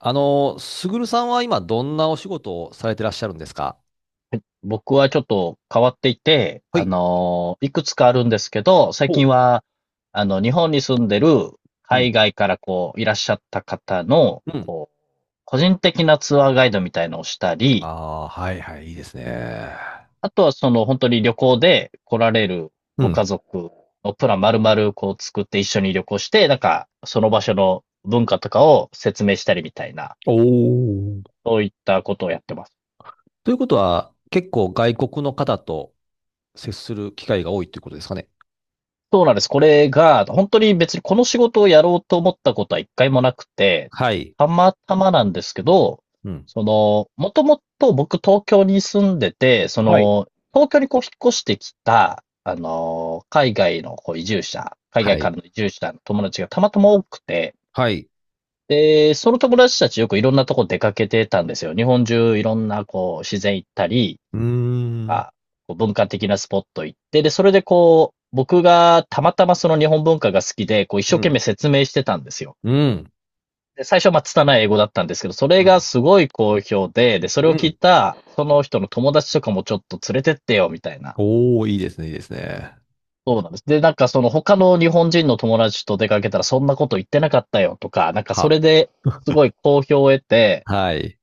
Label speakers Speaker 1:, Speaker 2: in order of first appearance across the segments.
Speaker 1: すぐるさんは今どんなお仕事をされてらっしゃるんですか？
Speaker 2: 僕はちょっと変わっていて、
Speaker 1: はい。
Speaker 2: いくつかあるんですけど、最
Speaker 1: ほう
Speaker 2: 近は、日本に住んでる
Speaker 1: う
Speaker 2: 海
Speaker 1: ん。
Speaker 2: 外からこう、いらっしゃった方の、
Speaker 1: うん。
Speaker 2: こう、個人的なツアーガイドみたいのをした
Speaker 1: あ
Speaker 2: り、
Speaker 1: あ、はいはい、いいですね。
Speaker 2: あとはその本当に旅行で来られる
Speaker 1: う
Speaker 2: ご家
Speaker 1: ん。
Speaker 2: 族のプラン丸々こう作って一緒に旅行して、なんか、その場所の文化とかを説明したりみたいな、
Speaker 1: おお。
Speaker 2: そういったことをやってます。
Speaker 1: ということは、結構外国の方と接する機会が多いということですかね？
Speaker 2: そうなんです。これが、本当に別にこの仕事をやろうと思ったことは一回もなくて、
Speaker 1: はい。
Speaker 2: たまたまなんですけど、
Speaker 1: うん。
Speaker 2: その、もともと僕東京に住んでて、そ
Speaker 1: はい。
Speaker 2: の、東京にこう引っ越してきた、海外のこう移住者、海
Speaker 1: は
Speaker 2: 外か
Speaker 1: い。
Speaker 2: らの移住者の友達がたまたま多くて、
Speaker 1: はい。
Speaker 2: で、その友達たちよくいろんなとこ出かけてたんですよ。日本中いろんなこう自然行ったり、
Speaker 1: うーん。
Speaker 2: か、こう文化的なスポット行って、で、それでこう、僕がたまたまその日本文化が好きで、こう一生
Speaker 1: う
Speaker 2: 懸命
Speaker 1: ん。
Speaker 2: 説明してたんですよ。
Speaker 1: うん。
Speaker 2: で、最初はまあ拙い英語だったんですけど、それ
Speaker 1: う
Speaker 2: が
Speaker 1: ん。
Speaker 2: すごい好評で、で、そ
Speaker 1: う
Speaker 2: れを聞い
Speaker 1: ん。
Speaker 2: た、その人の友達とかもちょっと連れてってよ、みたいな。
Speaker 1: おおいいですね、いいですね。
Speaker 2: そうなんです。で、なんかその他の日本人の友達と出かけたらそんなこと言ってなかったよとか、なんかそ
Speaker 1: は。
Speaker 2: れですごい好評を得て、
Speaker 1: はい。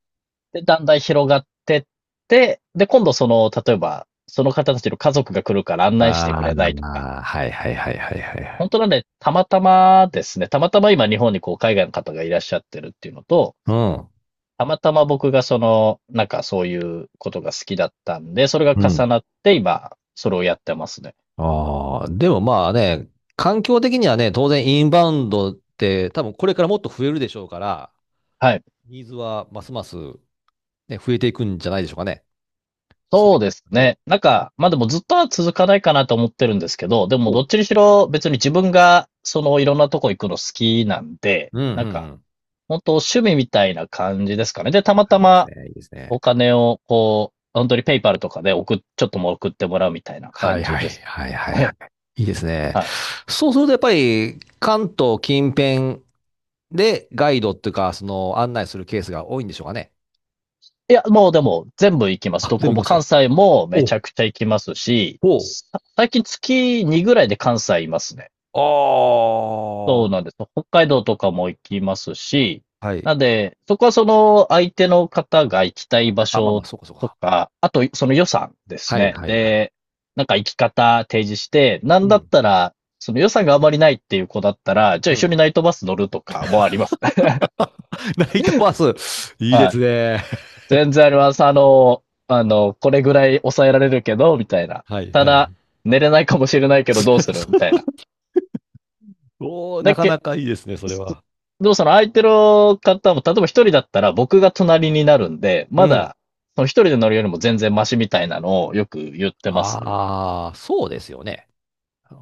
Speaker 2: で、だんだん広がってって、で、今度その、例えば、その方たちの家族が来るから案内してく
Speaker 1: あ
Speaker 2: れないとか、
Speaker 1: あ、はいはいはいはいはいはい。
Speaker 2: 本当はね、たまたまですね、たまたま今日本にこう海外の方がいらっしゃってるっていうのと、
Speaker 1: う
Speaker 2: たまたま僕がその、なんかそういうことが好きだったんで、それが
Speaker 1: ん。
Speaker 2: 重なって今、それをやってますね。
Speaker 1: ああ、でもまあね、環境的にはね、当然インバウンドって多分これからもっと増えるでしょうから、
Speaker 2: はい。
Speaker 1: ニーズはますます、ね、増えていくんじゃないでしょうかね。そう
Speaker 2: そ
Speaker 1: い
Speaker 2: う
Speaker 1: っ
Speaker 2: です
Speaker 1: たね。
Speaker 2: ね。なんか、まあでもずっとは続かないかなと思ってるんですけど、でも
Speaker 1: お
Speaker 2: ど
Speaker 1: う。
Speaker 2: っちにしろ別に自分がそのいろんなとこ行くの好きなんで、
Speaker 1: うん、うん、
Speaker 2: なん
Speaker 1: う
Speaker 2: か、
Speaker 1: ん。
Speaker 2: 本当趣味みたいな感じですかね。で、たま
Speaker 1: は
Speaker 2: た
Speaker 1: い、いいです
Speaker 2: ま
Speaker 1: ね、いいですね。
Speaker 2: お金をこう、本当にペイパルとかで送っ、ちょっともう送ってもらうみたいな
Speaker 1: は
Speaker 2: 感
Speaker 1: い
Speaker 2: じ
Speaker 1: はい、
Speaker 2: です。
Speaker 1: はい、はい、はい。
Speaker 2: ね。
Speaker 1: いいです ね。
Speaker 2: は
Speaker 1: そうするとやっぱり関東近辺でガイドっていうか、その案内するケースが多いんでしょうかね？
Speaker 2: い。いや、もうでも全部行きます。
Speaker 1: あ、
Speaker 2: ど
Speaker 1: 全
Speaker 2: こ
Speaker 1: 部行き
Speaker 2: も
Speaker 1: ます
Speaker 2: 関
Speaker 1: か？
Speaker 2: 西もめ
Speaker 1: お
Speaker 2: ち
Speaker 1: う、
Speaker 2: ゃくちゃ行きますし、
Speaker 1: おう。
Speaker 2: 最近月2ぐらいで関西いますね。
Speaker 1: あ
Speaker 2: そうなんです。北海道とかも行きますし、
Speaker 1: あ。はい。
Speaker 2: なんで、そこはその相手の方が行きたい場
Speaker 1: あ、まあまあ、
Speaker 2: 所
Speaker 1: そうかそう
Speaker 2: と
Speaker 1: か。
Speaker 2: か、あとその予算です
Speaker 1: はい
Speaker 2: ね。
Speaker 1: はいはい
Speaker 2: で、なんか行き方提示して、なん
Speaker 1: う
Speaker 2: だっ
Speaker 1: ん。
Speaker 2: たら、その予算があまりないっていう子だったら、じゃあ
Speaker 1: う
Speaker 2: 一緒
Speaker 1: ん。
Speaker 2: にナイトバス乗るとかもあります。
Speaker 1: ナイトバス。いいで
Speaker 2: は
Speaker 1: す
Speaker 2: い。
Speaker 1: ね。
Speaker 2: 全然あります。これぐらい抑えられるけど、みたいな。
Speaker 1: はい
Speaker 2: た
Speaker 1: は
Speaker 2: だ、
Speaker 1: い。
Speaker 2: 寝れないかもしれないけどどうするみたい な。
Speaker 1: おーな
Speaker 2: だ
Speaker 1: か
Speaker 2: け、
Speaker 1: なかいいですね、それは。
Speaker 2: でもその相手の方も、例えば一人だったら僕が隣になるんで、
Speaker 1: う
Speaker 2: ま
Speaker 1: ん。
Speaker 2: だ、一人で乗るよりも全然マシみたいなのをよく言ってますね。
Speaker 1: ああ、そうですよね。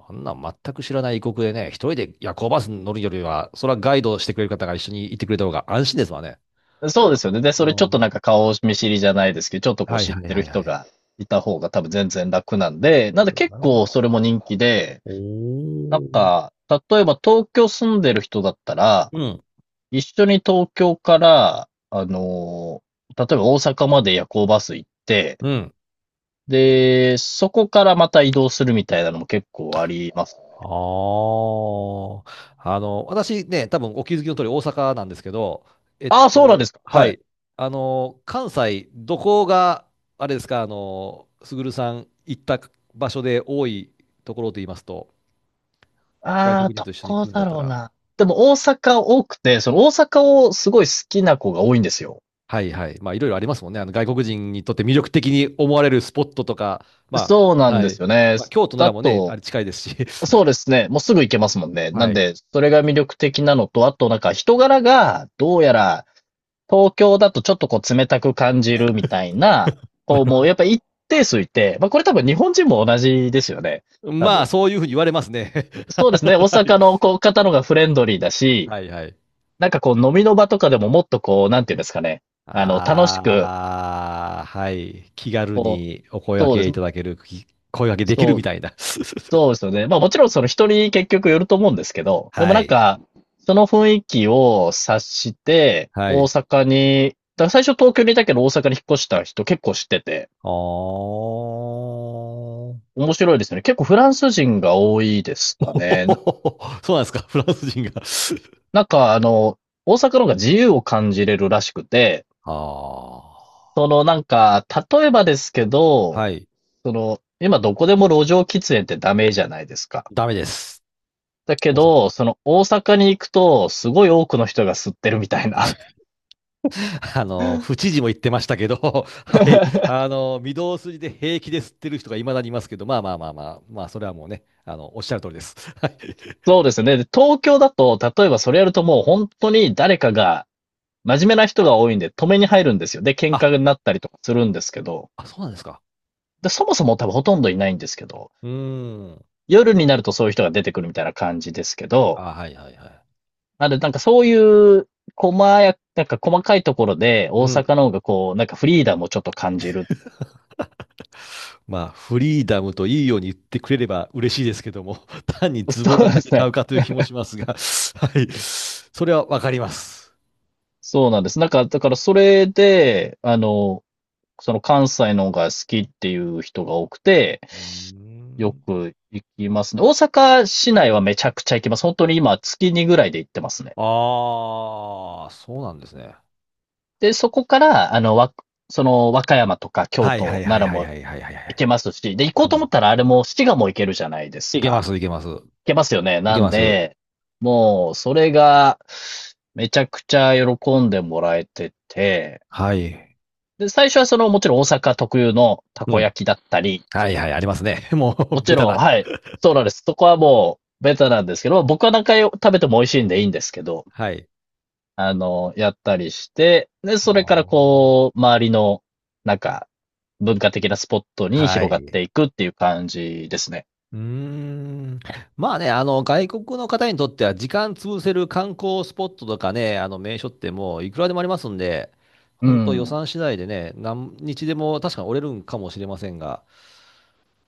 Speaker 1: あんな全く知らない異国でね、一人で夜行バスに乗るよりは、それはガイドしてくれる方が一緒に行ってくれた方が安心ですわね。
Speaker 2: そうですよね。で、そ
Speaker 1: う
Speaker 2: れちょっとな
Speaker 1: ん。
Speaker 2: んか顔見知りじゃないですけど、ちょっとこう
Speaker 1: はい
Speaker 2: 知っ
Speaker 1: はい
Speaker 2: てる
Speaker 1: はいは
Speaker 2: 人
Speaker 1: い。
Speaker 2: がいた方が多分全然楽なんで、なんで
Speaker 1: うん
Speaker 2: 結
Speaker 1: なるほど。
Speaker 2: 構それも人気で、
Speaker 1: お
Speaker 2: なん
Speaker 1: お。
Speaker 2: か、例えば東京住んでる人だったら、
Speaker 1: うん。
Speaker 2: 一緒に東京から、例えば大阪まで夜行バス行って、
Speaker 1: うん。
Speaker 2: で、そこからまた移動するみたいなのも結構あります。
Speaker 1: ああ、私ね、多分お気づきの通り大阪なんですけど、
Speaker 2: ああ、そうなんですか。
Speaker 1: は
Speaker 2: はい。
Speaker 1: い、関西、どこが、あれですか、すぐるさん行った場所で多いところと言いますと、外
Speaker 2: あ
Speaker 1: 国
Speaker 2: あ、
Speaker 1: 人
Speaker 2: ど
Speaker 1: と一緒に来
Speaker 2: こ
Speaker 1: るんだっ
Speaker 2: だ
Speaker 1: た
Speaker 2: ろう
Speaker 1: ら、
Speaker 2: な。でも大阪多くて、その大阪をすごい好きな子が多いんですよ。
Speaker 1: はいはい、まあいろいろありますもんね、あの外国人にとって魅力的に思われるスポットとか、ま
Speaker 2: そうな
Speaker 1: あ、
Speaker 2: ん
Speaker 1: は
Speaker 2: で
Speaker 1: い、
Speaker 2: すよね。
Speaker 1: まあ、京都な
Speaker 2: だ
Speaker 1: らもね、あ
Speaker 2: と、
Speaker 1: れ近いですし、
Speaker 2: そうですね。もうすぐ行けますもんね。な
Speaker 1: は
Speaker 2: ん
Speaker 1: い、
Speaker 2: で、それが魅力的なのと、あとなんか人柄が、どうやら、東京だとちょっとこう冷たく感じるみたいな、
Speaker 1: な
Speaker 2: こう
Speaker 1: る
Speaker 2: も
Speaker 1: ほ
Speaker 2: うや
Speaker 1: ど。
Speaker 2: っぱ一定数いて、まあこれ多分日本人も同じですよね。多
Speaker 1: ま
Speaker 2: 分。
Speaker 1: あ、そういうふうに言われますね。
Speaker 2: そうですね。大
Speaker 1: はい
Speaker 2: 阪のこう方のがフレンドリーだし、
Speaker 1: はいはい。
Speaker 2: なんかこう飲みの場とかでももっとこう、なんていうんですかね。楽しく、
Speaker 1: ああ、はい。気軽
Speaker 2: こう、
Speaker 1: にお声掛
Speaker 2: そうで
Speaker 1: け
Speaker 2: す。
Speaker 1: いただける、き声掛けできる
Speaker 2: そ
Speaker 1: み
Speaker 2: う、
Speaker 1: たいな。
Speaker 2: そうですよね。まあもちろんその人に結局よると思うんですけ ど、でも
Speaker 1: は
Speaker 2: なん
Speaker 1: い。
Speaker 2: か、その雰囲気を察して、
Speaker 1: は
Speaker 2: 大
Speaker 1: い。
Speaker 2: 阪に、だから最初東京にいたけど大阪に引っ越した人結構知ってて、
Speaker 1: あー。
Speaker 2: 面白いですよね。結構フランス人が多いです かね。
Speaker 1: そうなんですか、フランス人が。
Speaker 2: なんか大阪の方が自由を感じれるらしくて、
Speaker 1: ああ、
Speaker 2: そのなんか、例えばですけど、
Speaker 1: はい。
Speaker 2: その、今どこでも路上喫煙ってダメじゃないですか。
Speaker 1: ダメです。
Speaker 2: だけ
Speaker 1: 大阪。
Speaker 2: ど、その大阪に行くと、すごい多くの人が吸ってるみたいな。
Speaker 1: 府知事も言ってましたけど、はい。御堂筋で平気で吸ってる人がいまだにいますけど、まあまあまあまあ、まあ、それはもうね、おっしゃる通りです。はい。
Speaker 2: そうですね。で東京だと、例えばそれやるともう本当に誰かが、真面目な人が多いんで止めに入るんですよ。で、喧
Speaker 1: あ、
Speaker 2: 嘩になったりとかするんですけど。
Speaker 1: あ、そうなんですか？
Speaker 2: で、そもそも多分ほとんどいないんですけど、
Speaker 1: うーん。
Speaker 2: 夜になるとそういう人が出てくるみたいな感じですけど、
Speaker 1: あ、はいはいはい。
Speaker 2: なんで、なんかそういう、なんか細かいところで、大
Speaker 1: うん。
Speaker 2: 阪の方がこう、なんかフリーダムをちょっと感じる。
Speaker 1: まあ、フリーダムといいように言ってくれれば嬉しいですけども、単に ズボ
Speaker 2: そ
Speaker 1: ラな
Speaker 2: う
Speaker 1: だ
Speaker 2: で
Speaker 1: け
Speaker 2: す
Speaker 1: ちゃ
Speaker 2: ね。
Speaker 1: うかという気もしますが、はい。それはわかります。
Speaker 2: そうなんです。なんか、だからそれで、その関西の方が好きっていう人が多くて、
Speaker 1: うー
Speaker 2: よ
Speaker 1: ん。
Speaker 2: く行きますね。大阪市内はめちゃくちゃ行きます。本当に今月2ぐらいで行ってますね。
Speaker 1: ああ、そうなんですね。
Speaker 2: で、そこから、その和歌山とか京
Speaker 1: はいは
Speaker 2: 都、
Speaker 1: いは
Speaker 2: 奈
Speaker 1: い
Speaker 2: 良
Speaker 1: はい
Speaker 2: も
Speaker 1: はいはいはいは
Speaker 2: 行け
Speaker 1: い。
Speaker 2: ますし、で、行こ
Speaker 1: う
Speaker 2: うと思
Speaker 1: ん。
Speaker 2: ったらあれも滋賀も行けるじゃないです
Speaker 1: いけま
Speaker 2: か。
Speaker 1: す、いけます。
Speaker 2: けますよね。
Speaker 1: い
Speaker 2: な
Speaker 1: け
Speaker 2: ん
Speaker 1: ます。
Speaker 2: で、もう、それが、めちゃくちゃ喜んでもらえてて、
Speaker 1: はい。
Speaker 2: で、最初はその、もちろん大阪特有のた
Speaker 1: う
Speaker 2: こ
Speaker 1: ん。
Speaker 2: 焼きだったり、
Speaker 1: はいはい、ありますね。もう、
Speaker 2: も ち
Speaker 1: ベタ
Speaker 2: ろん、
Speaker 1: だ。
Speaker 2: はい、そうなんです。そこはもう、ベタなんですけど、僕は何回食べても美味しいんでいいんですけど、
Speaker 1: はい。
Speaker 2: やったりして、で、
Speaker 1: あ
Speaker 2: それから
Speaker 1: ー
Speaker 2: こう、周りの、なんか、文化的なスポットに
Speaker 1: は
Speaker 2: 広がっ
Speaker 1: い。
Speaker 2: ていくっていう感じですね。
Speaker 1: うーん。まあね、外国の方にとっては時間潰せる観光スポットとかね、あの名所ってもういくらでもありますんで、
Speaker 2: う
Speaker 1: 本当予
Speaker 2: ん。
Speaker 1: 算次第でね、何日でも確かに折れるんかもしれませんが、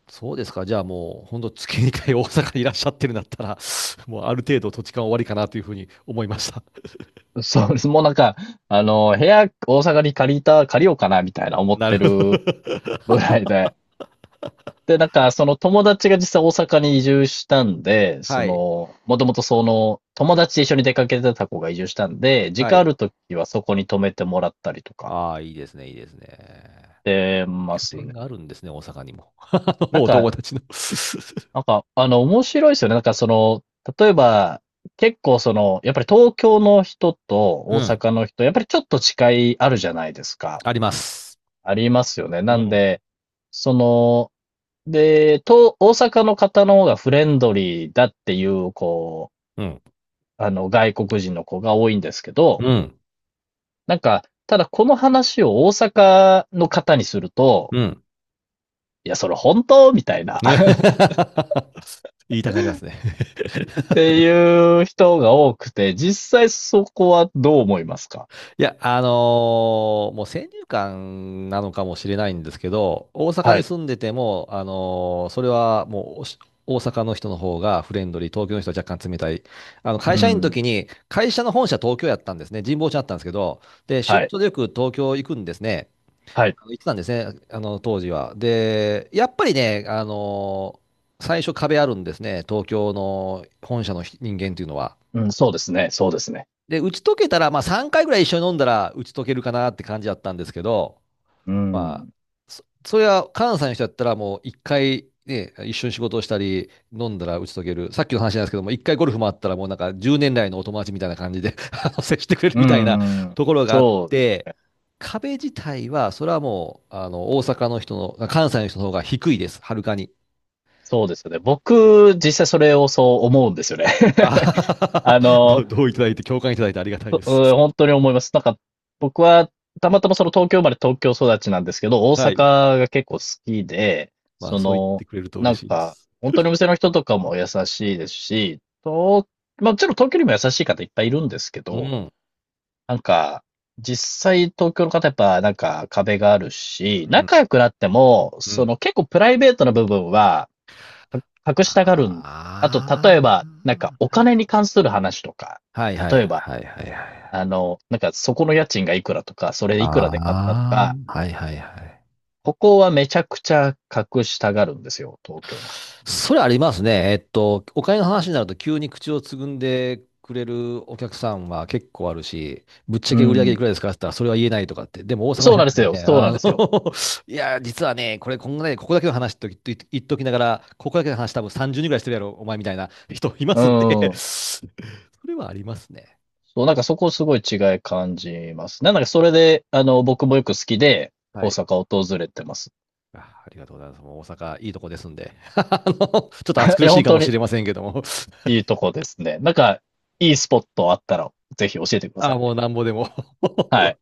Speaker 1: そうですか、じゃあもう本当月2回大阪にいらっしゃってるんだったら、もうある程度土地勘終わりかなというふうに思いました。
Speaker 2: そうです。もうなんか、部屋、大阪に借りた、借りようかな、みたいな 思っ
Speaker 1: なる
Speaker 2: て
Speaker 1: ほど。
Speaker 2: るぐらいで。で、なんか、その友達が実際大阪に移住したんで、そ
Speaker 1: はい。
Speaker 2: の、もともとその、友達と一緒に出かけてた子が移住したんで、時
Speaker 1: は
Speaker 2: 間あ
Speaker 1: い。
Speaker 2: るときはそこに泊めてもらったりとか、
Speaker 1: ああ、いいですね、いいですね。
Speaker 2: してま
Speaker 1: 拠
Speaker 2: す
Speaker 1: 点
Speaker 2: ね。
Speaker 1: があるんですね、大阪にも。あ
Speaker 2: なん
Speaker 1: のお
Speaker 2: か、
Speaker 1: 友達の
Speaker 2: なんか、面白いですよね。なんか、その、例えば、結構その、やっぱり東京の人と
Speaker 1: う
Speaker 2: 大
Speaker 1: ん、
Speaker 2: 阪の人、やっぱりちょっと違いあるじゃないですか。
Speaker 1: あります。
Speaker 2: ありますよね。
Speaker 1: う
Speaker 2: なん
Speaker 1: ん
Speaker 2: で、その、大阪の方の方がフレンドリーだっていう、こ
Speaker 1: うん。
Speaker 2: う、外国人の子が多いんですけど、
Speaker 1: うん。
Speaker 2: なんか、ただこの話を大阪の方にすると、
Speaker 1: うん。
Speaker 2: いや、それ本当みたいな っ
Speaker 1: 言いたくなりますね。
Speaker 2: ていう人が多くて、実際そこはどう思いますか？
Speaker 1: いや、もう先入観なのかもしれないんですけど、大阪
Speaker 2: は
Speaker 1: に
Speaker 2: い。
Speaker 1: 住んでても、それはもうおし大阪の人の方がフレンドリー、東京の人は若干冷たい。
Speaker 2: う
Speaker 1: 会社員の
Speaker 2: ん。
Speaker 1: 時に、会社の本社東京やったんですね。神保町だったんですけど、で、
Speaker 2: は
Speaker 1: 出
Speaker 2: い。
Speaker 1: 張でよく東京行くんですね。
Speaker 2: はい。
Speaker 1: 言ってたんですね、当時は。で、やっぱりね、最初壁あるんですね、東京の本社の人間っていうのは。
Speaker 2: うん、そうですね。そうですね。
Speaker 1: で、打ち解けたら、まあ3回ぐらい一緒に飲んだら打ち解けるかなって感じだったんですけど、
Speaker 2: う
Speaker 1: まあ、
Speaker 2: ん。
Speaker 1: それは関西の人だったらもう1回ね、一緒に仕事をしたり、飲んだら打ち解ける。さっきの話なんですけども、一回ゴルフ回ったらもうなんか10年来のお友達みたいな感じで 接してくれる
Speaker 2: う
Speaker 1: みたいな
Speaker 2: ん。
Speaker 1: ところがあっ
Speaker 2: そう
Speaker 1: て、壁自体は、それはもう、大阪の人の、関西の人の方が低いです。はるかに。
Speaker 2: そうですよね。僕、実際それをそう思うんですよね。
Speaker 1: あは は
Speaker 2: あ
Speaker 1: はど
Speaker 2: の、
Speaker 1: う、どういただいて、共感いただいてありがたい
Speaker 2: う
Speaker 1: です。
Speaker 2: 本当に思います。なんか、僕は、たまたまその東京生まれ東京育ちなんですけど、大
Speaker 1: はい。
Speaker 2: 阪が結構好きで、
Speaker 1: まあ、
Speaker 2: そ
Speaker 1: そう言っ
Speaker 2: の、
Speaker 1: てくれると
Speaker 2: な
Speaker 1: 嬉
Speaker 2: ん
Speaker 1: しいで
Speaker 2: か、
Speaker 1: す。
Speaker 2: 本当にお店の人とかも優しいですし、まあもちろん東京にも優しい方いっぱいいるんですけ
Speaker 1: う
Speaker 2: ど、
Speaker 1: ん。
Speaker 2: なんか、実際東京の方やっぱなんか壁があるし、
Speaker 1: うん。
Speaker 2: 仲良くなっても、
Speaker 1: う
Speaker 2: そ
Speaker 1: ん。
Speaker 2: の結構プライベートな部分は、隠したがるんですよね。あと、例
Speaker 1: あ
Speaker 2: えば、なんかお金に関する話とか、
Speaker 1: あ。はいはい
Speaker 2: 例えば、
Speaker 1: はいはいはい。
Speaker 2: なんかそこの家賃がいくらとか、それいくらで買ったと
Speaker 1: ああ。
Speaker 2: か、
Speaker 1: はいはいはい。
Speaker 2: ここはめちゃくちゃ隠したがるんですよ、東京の方。
Speaker 1: それありますね。お金の話になると急に口をつぐんでくれるお客さんは結構あるし、ぶっちゃ
Speaker 2: う
Speaker 1: け売り上げいく
Speaker 2: ん。
Speaker 1: らですかって言ったらそれは言えないとかって。でも大阪の
Speaker 2: そう
Speaker 1: 人
Speaker 2: なんです
Speaker 1: が
Speaker 2: よ、
Speaker 1: ね、
Speaker 2: そうなんですよ。
Speaker 1: いや、実はね、これこんなね、ここだけの話と言っと言っときながら、ここだけの話多分30人ぐらいしてるやろ、お前みたいな人いま
Speaker 2: う
Speaker 1: すんで
Speaker 2: ん。
Speaker 1: それはありますね。
Speaker 2: そう、なんかそこすごい違い感じますね。なんかそれで、僕もよく好きで、
Speaker 1: は
Speaker 2: 大
Speaker 1: い。
Speaker 2: 阪を訪れてます。
Speaker 1: あ、ありがとうございます。もう大阪いいとこですんで。ちょっと暑
Speaker 2: い
Speaker 1: 苦
Speaker 2: や、
Speaker 1: しい
Speaker 2: 本
Speaker 1: か
Speaker 2: 当
Speaker 1: もし
Speaker 2: に
Speaker 1: れませんけども。
Speaker 2: いいとこですね。なんか、いいスポットあったら、ぜひ教えてく ださ
Speaker 1: あ、
Speaker 2: い。
Speaker 1: もうなんぼでも
Speaker 2: はい。